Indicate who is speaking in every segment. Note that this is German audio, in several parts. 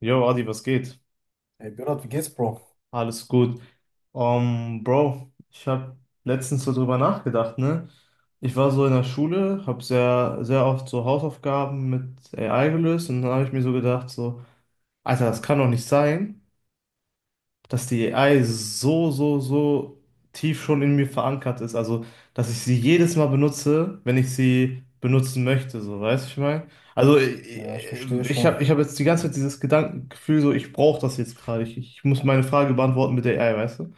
Speaker 1: Jo, Adi, was geht?
Speaker 2: Ey, Berat, wie geht's, Bro?
Speaker 1: Alles gut. Bro, ich habe letztens so drüber nachgedacht, ne? Ich war so in der Schule, habe sehr, sehr oft so Hausaufgaben mit AI gelöst und dann habe ich mir so gedacht, so, Alter, das kann doch nicht sein, dass die AI so tief schon in mir verankert ist. Also, dass ich sie jedes Mal benutze, wenn ich sie benutzen möchte, so, weißt du, was ich meine? Also,
Speaker 2: Ja, ich verstehe
Speaker 1: ich
Speaker 2: schon.
Speaker 1: habe ich hab jetzt die ganze Zeit dieses Gedankengefühl, so, ich brauche das jetzt gerade. Ich muss meine Frage beantworten mit der AI, weißt du? Und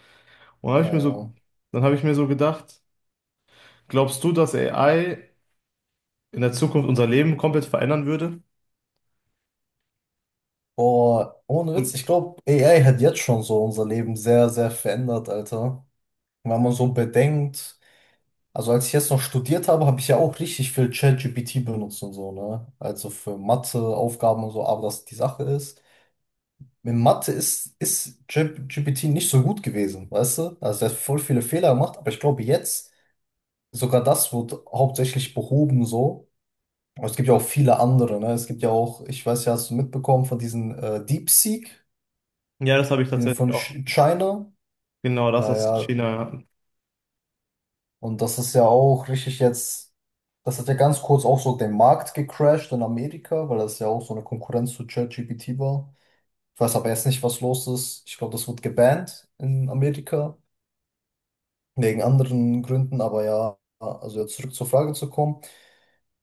Speaker 1: dann habe
Speaker 2: Ja,
Speaker 1: ich mir so,
Speaker 2: ja.
Speaker 1: dann habe ich mir so gedacht, glaubst du, dass AI in der Zukunft unser Leben komplett verändern würde?
Speaker 2: Boah, ohne Witz,
Speaker 1: Und
Speaker 2: ich glaube, AI hat jetzt schon so unser Leben sehr, sehr verändert, Alter. Wenn man so bedenkt, also als ich jetzt noch studiert habe, habe ich ja auch richtig viel ChatGPT benutzt und so, ne? Also für Mathe-Aufgaben und so, aber das die Sache ist mit Mathe ist, ChatGPT nicht so gut gewesen, weißt du? Also er hat voll viele Fehler gemacht, aber ich glaube, jetzt sogar das wird hauptsächlich behoben so. Aber es gibt ja auch viele andere, ne? Es gibt ja auch, ich weiß ja, hast du mitbekommen von diesen DeepSeek,
Speaker 1: ja, das habe ich
Speaker 2: die
Speaker 1: tatsächlich
Speaker 2: von
Speaker 1: auch.
Speaker 2: China.
Speaker 1: Genau, das
Speaker 2: Ja,
Speaker 1: aus
Speaker 2: ja.
Speaker 1: China.
Speaker 2: Und das ist ja auch richtig jetzt, das hat ja ganz kurz auch so den Markt gecrashed in Amerika, weil das ja auch so eine Konkurrenz zu ChatGPT war. Ich weiß aber jetzt nicht, was los ist. Ich glaube, das wird gebannt in Amerika, wegen anderen Gründen, aber ja, also jetzt zurück zur Frage zu kommen.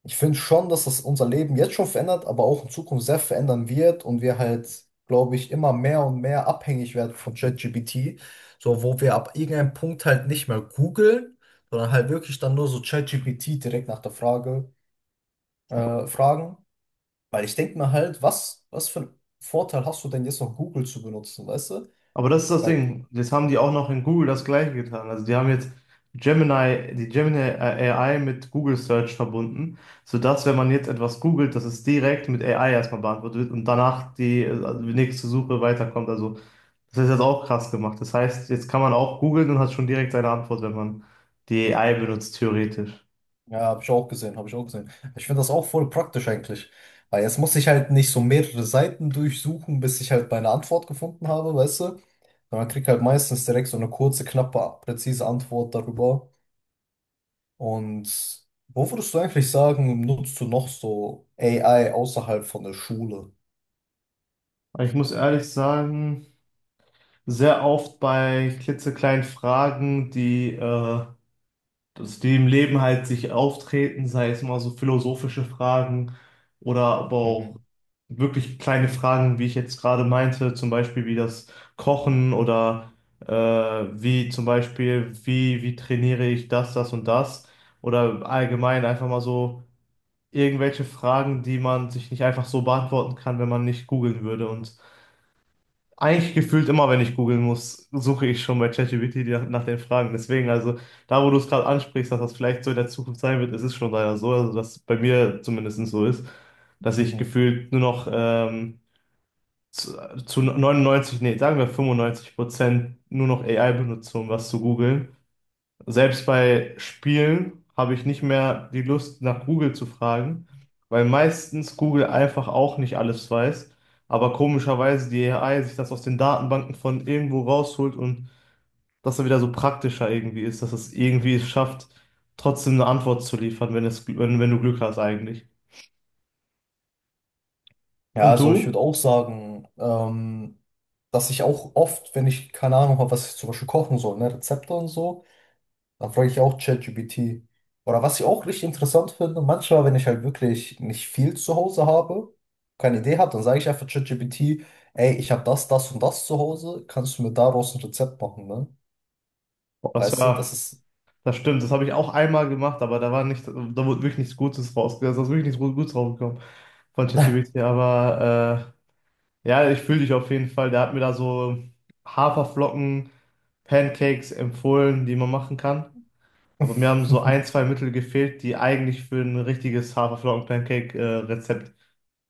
Speaker 2: Ich finde schon, dass das unser Leben jetzt schon verändert, aber auch in Zukunft sehr verändern wird und wir halt, glaube ich, immer mehr und mehr abhängig werden von ChatGPT. So, wo wir ab irgendeinem Punkt halt nicht mehr googeln, sondern halt wirklich dann nur so ChatGPT direkt nach der Frage fragen. Weil ich denke mir halt, was für einen Vorteil hast du denn jetzt noch Google zu benutzen, weißt du?
Speaker 1: Aber das ist das
Speaker 2: Weil
Speaker 1: Ding. Jetzt haben die auch noch in Google das Gleiche getan. Also die haben jetzt Gemini AI mit Google Search verbunden, sodass, wenn man jetzt etwas googelt, dass es direkt mit AI erstmal beantwortet wird und danach die, also die nächste Suche weiterkommt. Also das ist jetzt auch krass gemacht. Das heißt, jetzt kann man auch googeln und hat schon direkt seine Antwort, wenn man die AI benutzt, theoretisch.
Speaker 2: Ja, habe ich auch gesehen, habe ich auch gesehen. Ich finde das auch voll praktisch eigentlich. Weil jetzt muss ich halt nicht so mehrere Seiten durchsuchen, bis ich halt meine Antwort gefunden habe, weißt du? Sondern krieg halt meistens direkt so eine kurze, knappe, präzise Antwort darüber. Und wo würdest du eigentlich sagen, nutzt du noch so AI außerhalb von der Schule?
Speaker 1: Aber ich muss ehrlich sagen, sehr oft bei klitzekleinen Fragen, die dass die im Leben halt sich auftreten, sei es mal so philosophische Fragen oder aber auch
Speaker 2: Mhm.
Speaker 1: wirklich kleine Fragen, wie ich jetzt gerade meinte, zum Beispiel wie das Kochen oder äh, wie zum Beispiel, wie trainiere ich das, das und das oder allgemein einfach mal so irgendwelche Fragen, die man sich nicht einfach so beantworten kann, wenn man nicht googeln würde und eigentlich gefühlt immer, wenn ich googeln muss, suche ich schon bei ChatGPT nach den Fragen. Deswegen, also da, wo du es gerade ansprichst, dass das vielleicht so in der Zukunft sein wird, es ist schon leider so, also dass bei mir zumindest so ist, dass ich
Speaker 2: Mhm.
Speaker 1: gefühlt nur noch zu, zu 99, nee, sagen wir 95% nur noch AI benutze, um was zu googeln. Selbst bei Spielen habe ich nicht mehr die Lust, nach Google zu fragen, weil meistens Google einfach auch nicht alles weiß, aber komischerweise die AI sich das aus den Datenbanken von irgendwo rausholt und das dann wieder so praktischer irgendwie ist, dass es irgendwie es schafft, trotzdem eine Antwort zu liefern, wenn es, wenn du Glück hast eigentlich.
Speaker 2: Ja,
Speaker 1: Und
Speaker 2: also ich
Speaker 1: du?
Speaker 2: würde auch sagen, dass ich auch oft, wenn ich keine Ahnung habe, was ich zum Beispiel kochen soll, ne, Rezepte und so, dann frage ich auch ChatGPT. Oder was ich auch richtig interessant finde, manchmal, wenn ich halt wirklich nicht viel zu Hause habe, keine Idee habe, dann sage ich einfach ChatGPT, ey, ich habe das, das und das zu Hause, kannst du mir daraus ein Rezept machen, ne?
Speaker 1: Das
Speaker 2: Weißt du, das
Speaker 1: war,
Speaker 2: ist.
Speaker 1: das stimmt, das habe ich auch einmal gemacht, aber da wurde wirklich nichts Gutes rausgekommen, da ist wirklich nichts Gutes rausgekommen von ChatGPT, aber ja, ich fühle dich auf jeden Fall. Der hat mir da so Haferflocken, Pancakes empfohlen, die man machen kann. Aber mir haben so ein, zwei Mittel gefehlt, die eigentlich für ein richtiges Haferflocken-Pancake-Rezept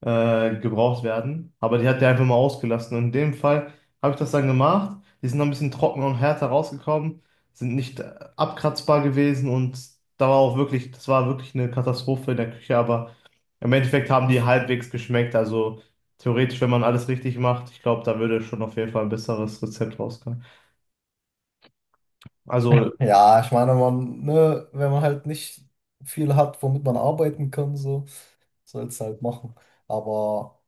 Speaker 1: gebraucht werden. Aber die hat der einfach mal ausgelassen. Und in dem Fall habe ich das dann gemacht. Die sind noch ein bisschen trockener und härter rausgekommen, sind nicht abkratzbar gewesen und da war auch wirklich, das war wirklich eine Katastrophe in der Küche, aber im Endeffekt haben die halbwegs geschmeckt. Also theoretisch, wenn man alles richtig macht, ich glaube, da würde schon auf jeden Fall ein besseres Rezept rauskommen. Also
Speaker 2: Ja, ich meine, man, ne, wenn man halt nicht viel hat, womit man arbeiten kann, so, soll es halt machen. Aber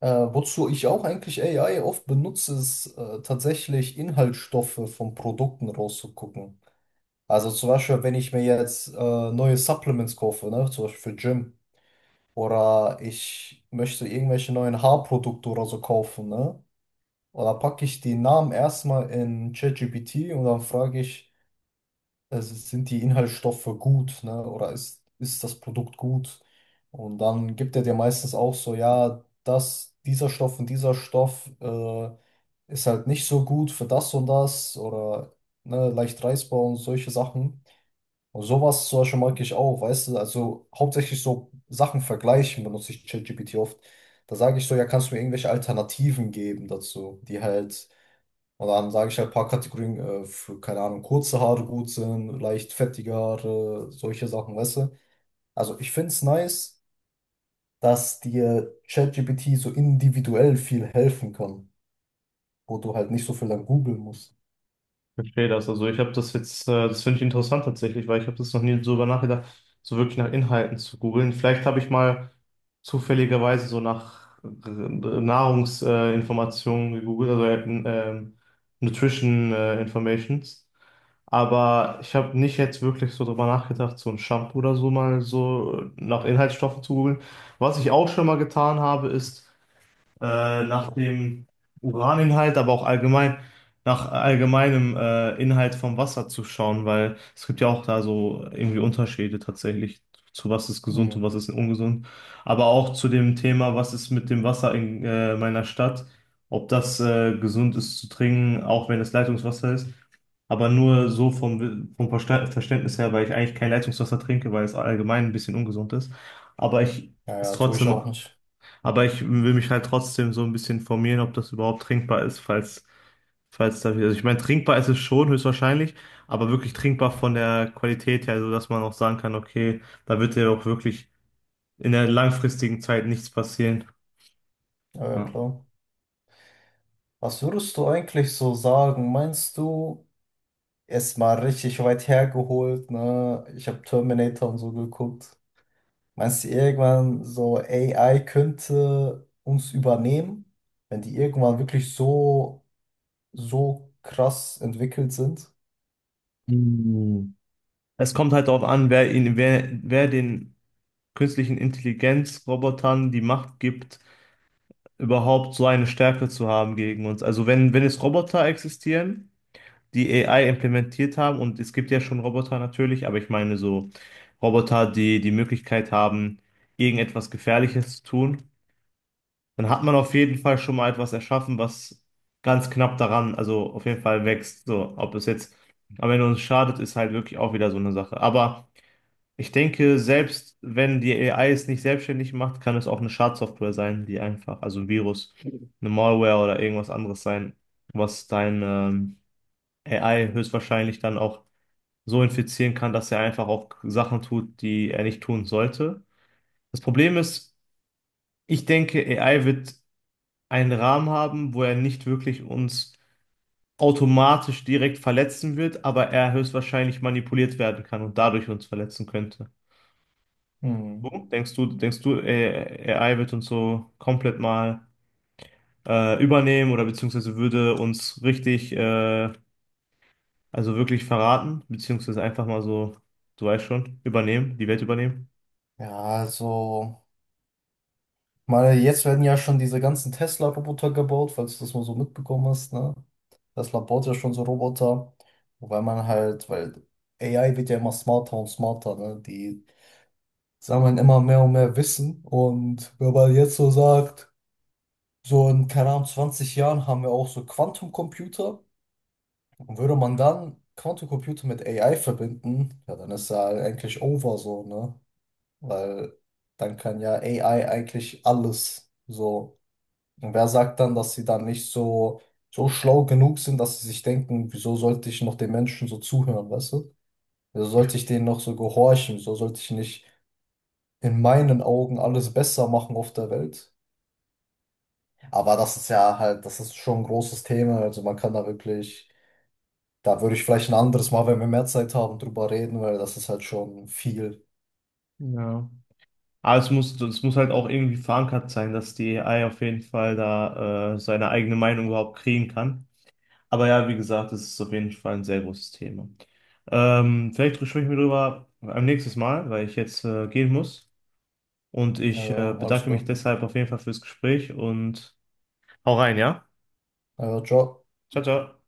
Speaker 2: wozu ich auch eigentlich AI oft benutze, ist tatsächlich Inhaltsstoffe von Produkten rauszugucken. Also zum Beispiel, wenn ich mir jetzt neue Supplements kaufe, ne, zum Beispiel für Gym, oder ich möchte irgendwelche neuen Haarprodukte oder so kaufen, ne? Oder packe ich die Namen erstmal in ChatGPT und dann frage ich, sind die Inhaltsstoffe gut, ne? Oder ist das Produkt gut? Und dann gibt er dir meistens auch so, ja, das, dieser Stoff und dieser Stoff ist halt nicht so gut für das und das oder ne, leicht reißbar und solche Sachen. Und sowas zum Beispiel mag ich auch, weißt du, also hauptsächlich so Sachen vergleichen benutze ich ChatGPT oft. Da sage ich so, ja, kannst du mir irgendwelche Alternativen geben dazu, die halt, und dann sage ich halt ein paar Kategorien für, keine Ahnung, kurze Haare gut sind, leicht fettige Haare, solche Sachen, weißt du. Also ich finde es nice, dass dir ChatGPT so individuell viel helfen kann, wo du halt nicht so viel dann googeln musst.
Speaker 1: ich verstehe das. Also ich habe das jetzt, das finde ich interessant tatsächlich, weil ich habe das noch nie so über nachgedacht, so wirklich nach Inhalten zu googeln. Vielleicht habe ich mal zufälligerweise so nach Nahrungsinformationen gegoogelt, also ähm, Nutrition Informations. Aber ich habe nicht jetzt wirklich so drüber nachgedacht, so ein Shampoo oder so mal so nach Inhaltsstoffen zu googeln. Was ich auch schon mal getan habe, ist nach dem Uraninhalt, aber auch allgemein nach allgemeinem Inhalt vom Wasser zu schauen, weil es gibt ja auch da so irgendwie Unterschiede tatsächlich zu was ist gesund und
Speaker 2: Hm.
Speaker 1: was ist ungesund. Aber auch zu dem Thema, was ist mit dem Wasser in meiner Stadt, ob das gesund ist zu trinken, auch wenn es Leitungswasser ist. Aber nur so vom, Verständnis her, weil ich eigentlich kein Leitungswasser trinke, weil es allgemein ein bisschen ungesund ist. Aber ich es
Speaker 2: Naja, tue ich
Speaker 1: trotzdem
Speaker 2: auch nicht.
Speaker 1: aber ich will mich halt trotzdem so ein bisschen informieren, ob das überhaupt trinkbar ist, falls da, also ich meine, trinkbar ist es schon, höchstwahrscheinlich, aber wirklich trinkbar von der Qualität her, so dass man auch sagen kann, okay, da wird ja auch wirklich in der langfristigen Zeit nichts passieren.
Speaker 2: Ja, ja,
Speaker 1: Ja.
Speaker 2: klar. Was würdest du eigentlich so sagen? Meinst du, erstmal richtig weit hergeholt, ne? Ich habe Terminator und so geguckt. Meinst du irgendwann so, AI könnte uns übernehmen, wenn die irgendwann wirklich so, so krass entwickelt sind?
Speaker 1: Hm. Es kommt halt darauf an, wer den künstlichen Intelligenzrobotern die Macht gibt, überhaupt so eine Stärke zu haben gegen uns. Also wenn es Roboter existieren, die AI implementiert haben. Und es gibt ja schon Roboter natürlich, aber ich meine so Roboter, die die Möglichkeit haben, irgendetwas Gefährliches zu tun. Dann hat man auf jeden Fall schon mal etwas erschaffen, was ganz knapp daran, also auf jeden Fall wächst. So, ob es jetzt am Ende uns schadet, ist halt wirklich auch wieder so eine Sache. Aber ich denke, selbst wenn die AI es nicht selbstständig macht, kann es auch eine Schadsoftware sein, die einfach, also ein Virus, eine Malware oder irgendwas anderes sein, was dein AI höchstwahrscheinlich dann auch so infizieren kann, dass er einfach auch Sachen tut, die er nicht tun sollte. Das Problem ist, ich denke, AI wird einen Rahmen haben, wo er nicht wirklich uns automatisch direkt verletzen wird, aber er höchstwahrscheinlich manipuliert werden kann und dadurch uns verletzen könnte.
Speaker 2: Hm.
Speaker 1: Du? Denkst du, AI wird uns so komplett mal übernehmen oder beziehungsweise würde uns richtig, also wirklich verraten, beziehungsweise einfach mal so, du weißt schon, übernehmen, die Welt übernehmen?
Speaker 2: Ja, also, meine, jetzt werden ja schon diese ganzen Tesla-Roboter gebaut, falls du das mal so mitbekommen hast, ne? Tesla baut ja schon so Roboter, wobei man halt, weil AI wird ja immer smarter und smarter, ne? Die sammeln immer mehr und mehr Wissen. Und wenn man jetzt so sagt, so in, keine Ahnung, 20 Jahren haben wir auch so Quantencomputer. Und würde man dann Quantencomputer mit AI verbinden, ja, dann ist ja eigentlich over so, ne? Weil dann kann ja AI eigentlich alles so. Und wer sagt dann, dass sie dann nicht so, so schlau genug sind, dass sie sich denken, wieso sollte ich noch den Menschen so zuhören, weißt du? Wieso
Speaker 1: Ich,
Speaker 2: sollte ich denen noch so gehorchen? Wieso sollte ich nicht in meinen Augen alles besser machen auf der Welt? Aber das ist ja halt, das ist schon ein großes Thema. Also man kann da wirklich, da würde ich vielleicht ein anderes Mal, wenn wir mehr Zeit haben, drüber reden, weil das ist halt schon viel.
Speaker 1: ja. Aber es muss halt auch irgendwie verankert sein, dass die AI auf jeden Fall da seine eigene Meinung überhaupt kriegen kann. Aber ja, wie gesagt, es ist auf jeden Fall ein sehr großes Thema. Vielleicht sprechen wir darüber am nächsten Mal, weil ich jetzt gehen muss. Und
Speaker 2: Ja,
Speaker 1: ich
Speaker 2: ja, alles
Speaker 1: bedanke mich
Speaker 2: klar.
Speaker 1: deshalb auf jeden Fall fürs Gespräch und hau rein, ja?
Speaker 2: Ja, ja, ciao.
Speaker 1: Ciao, ciao.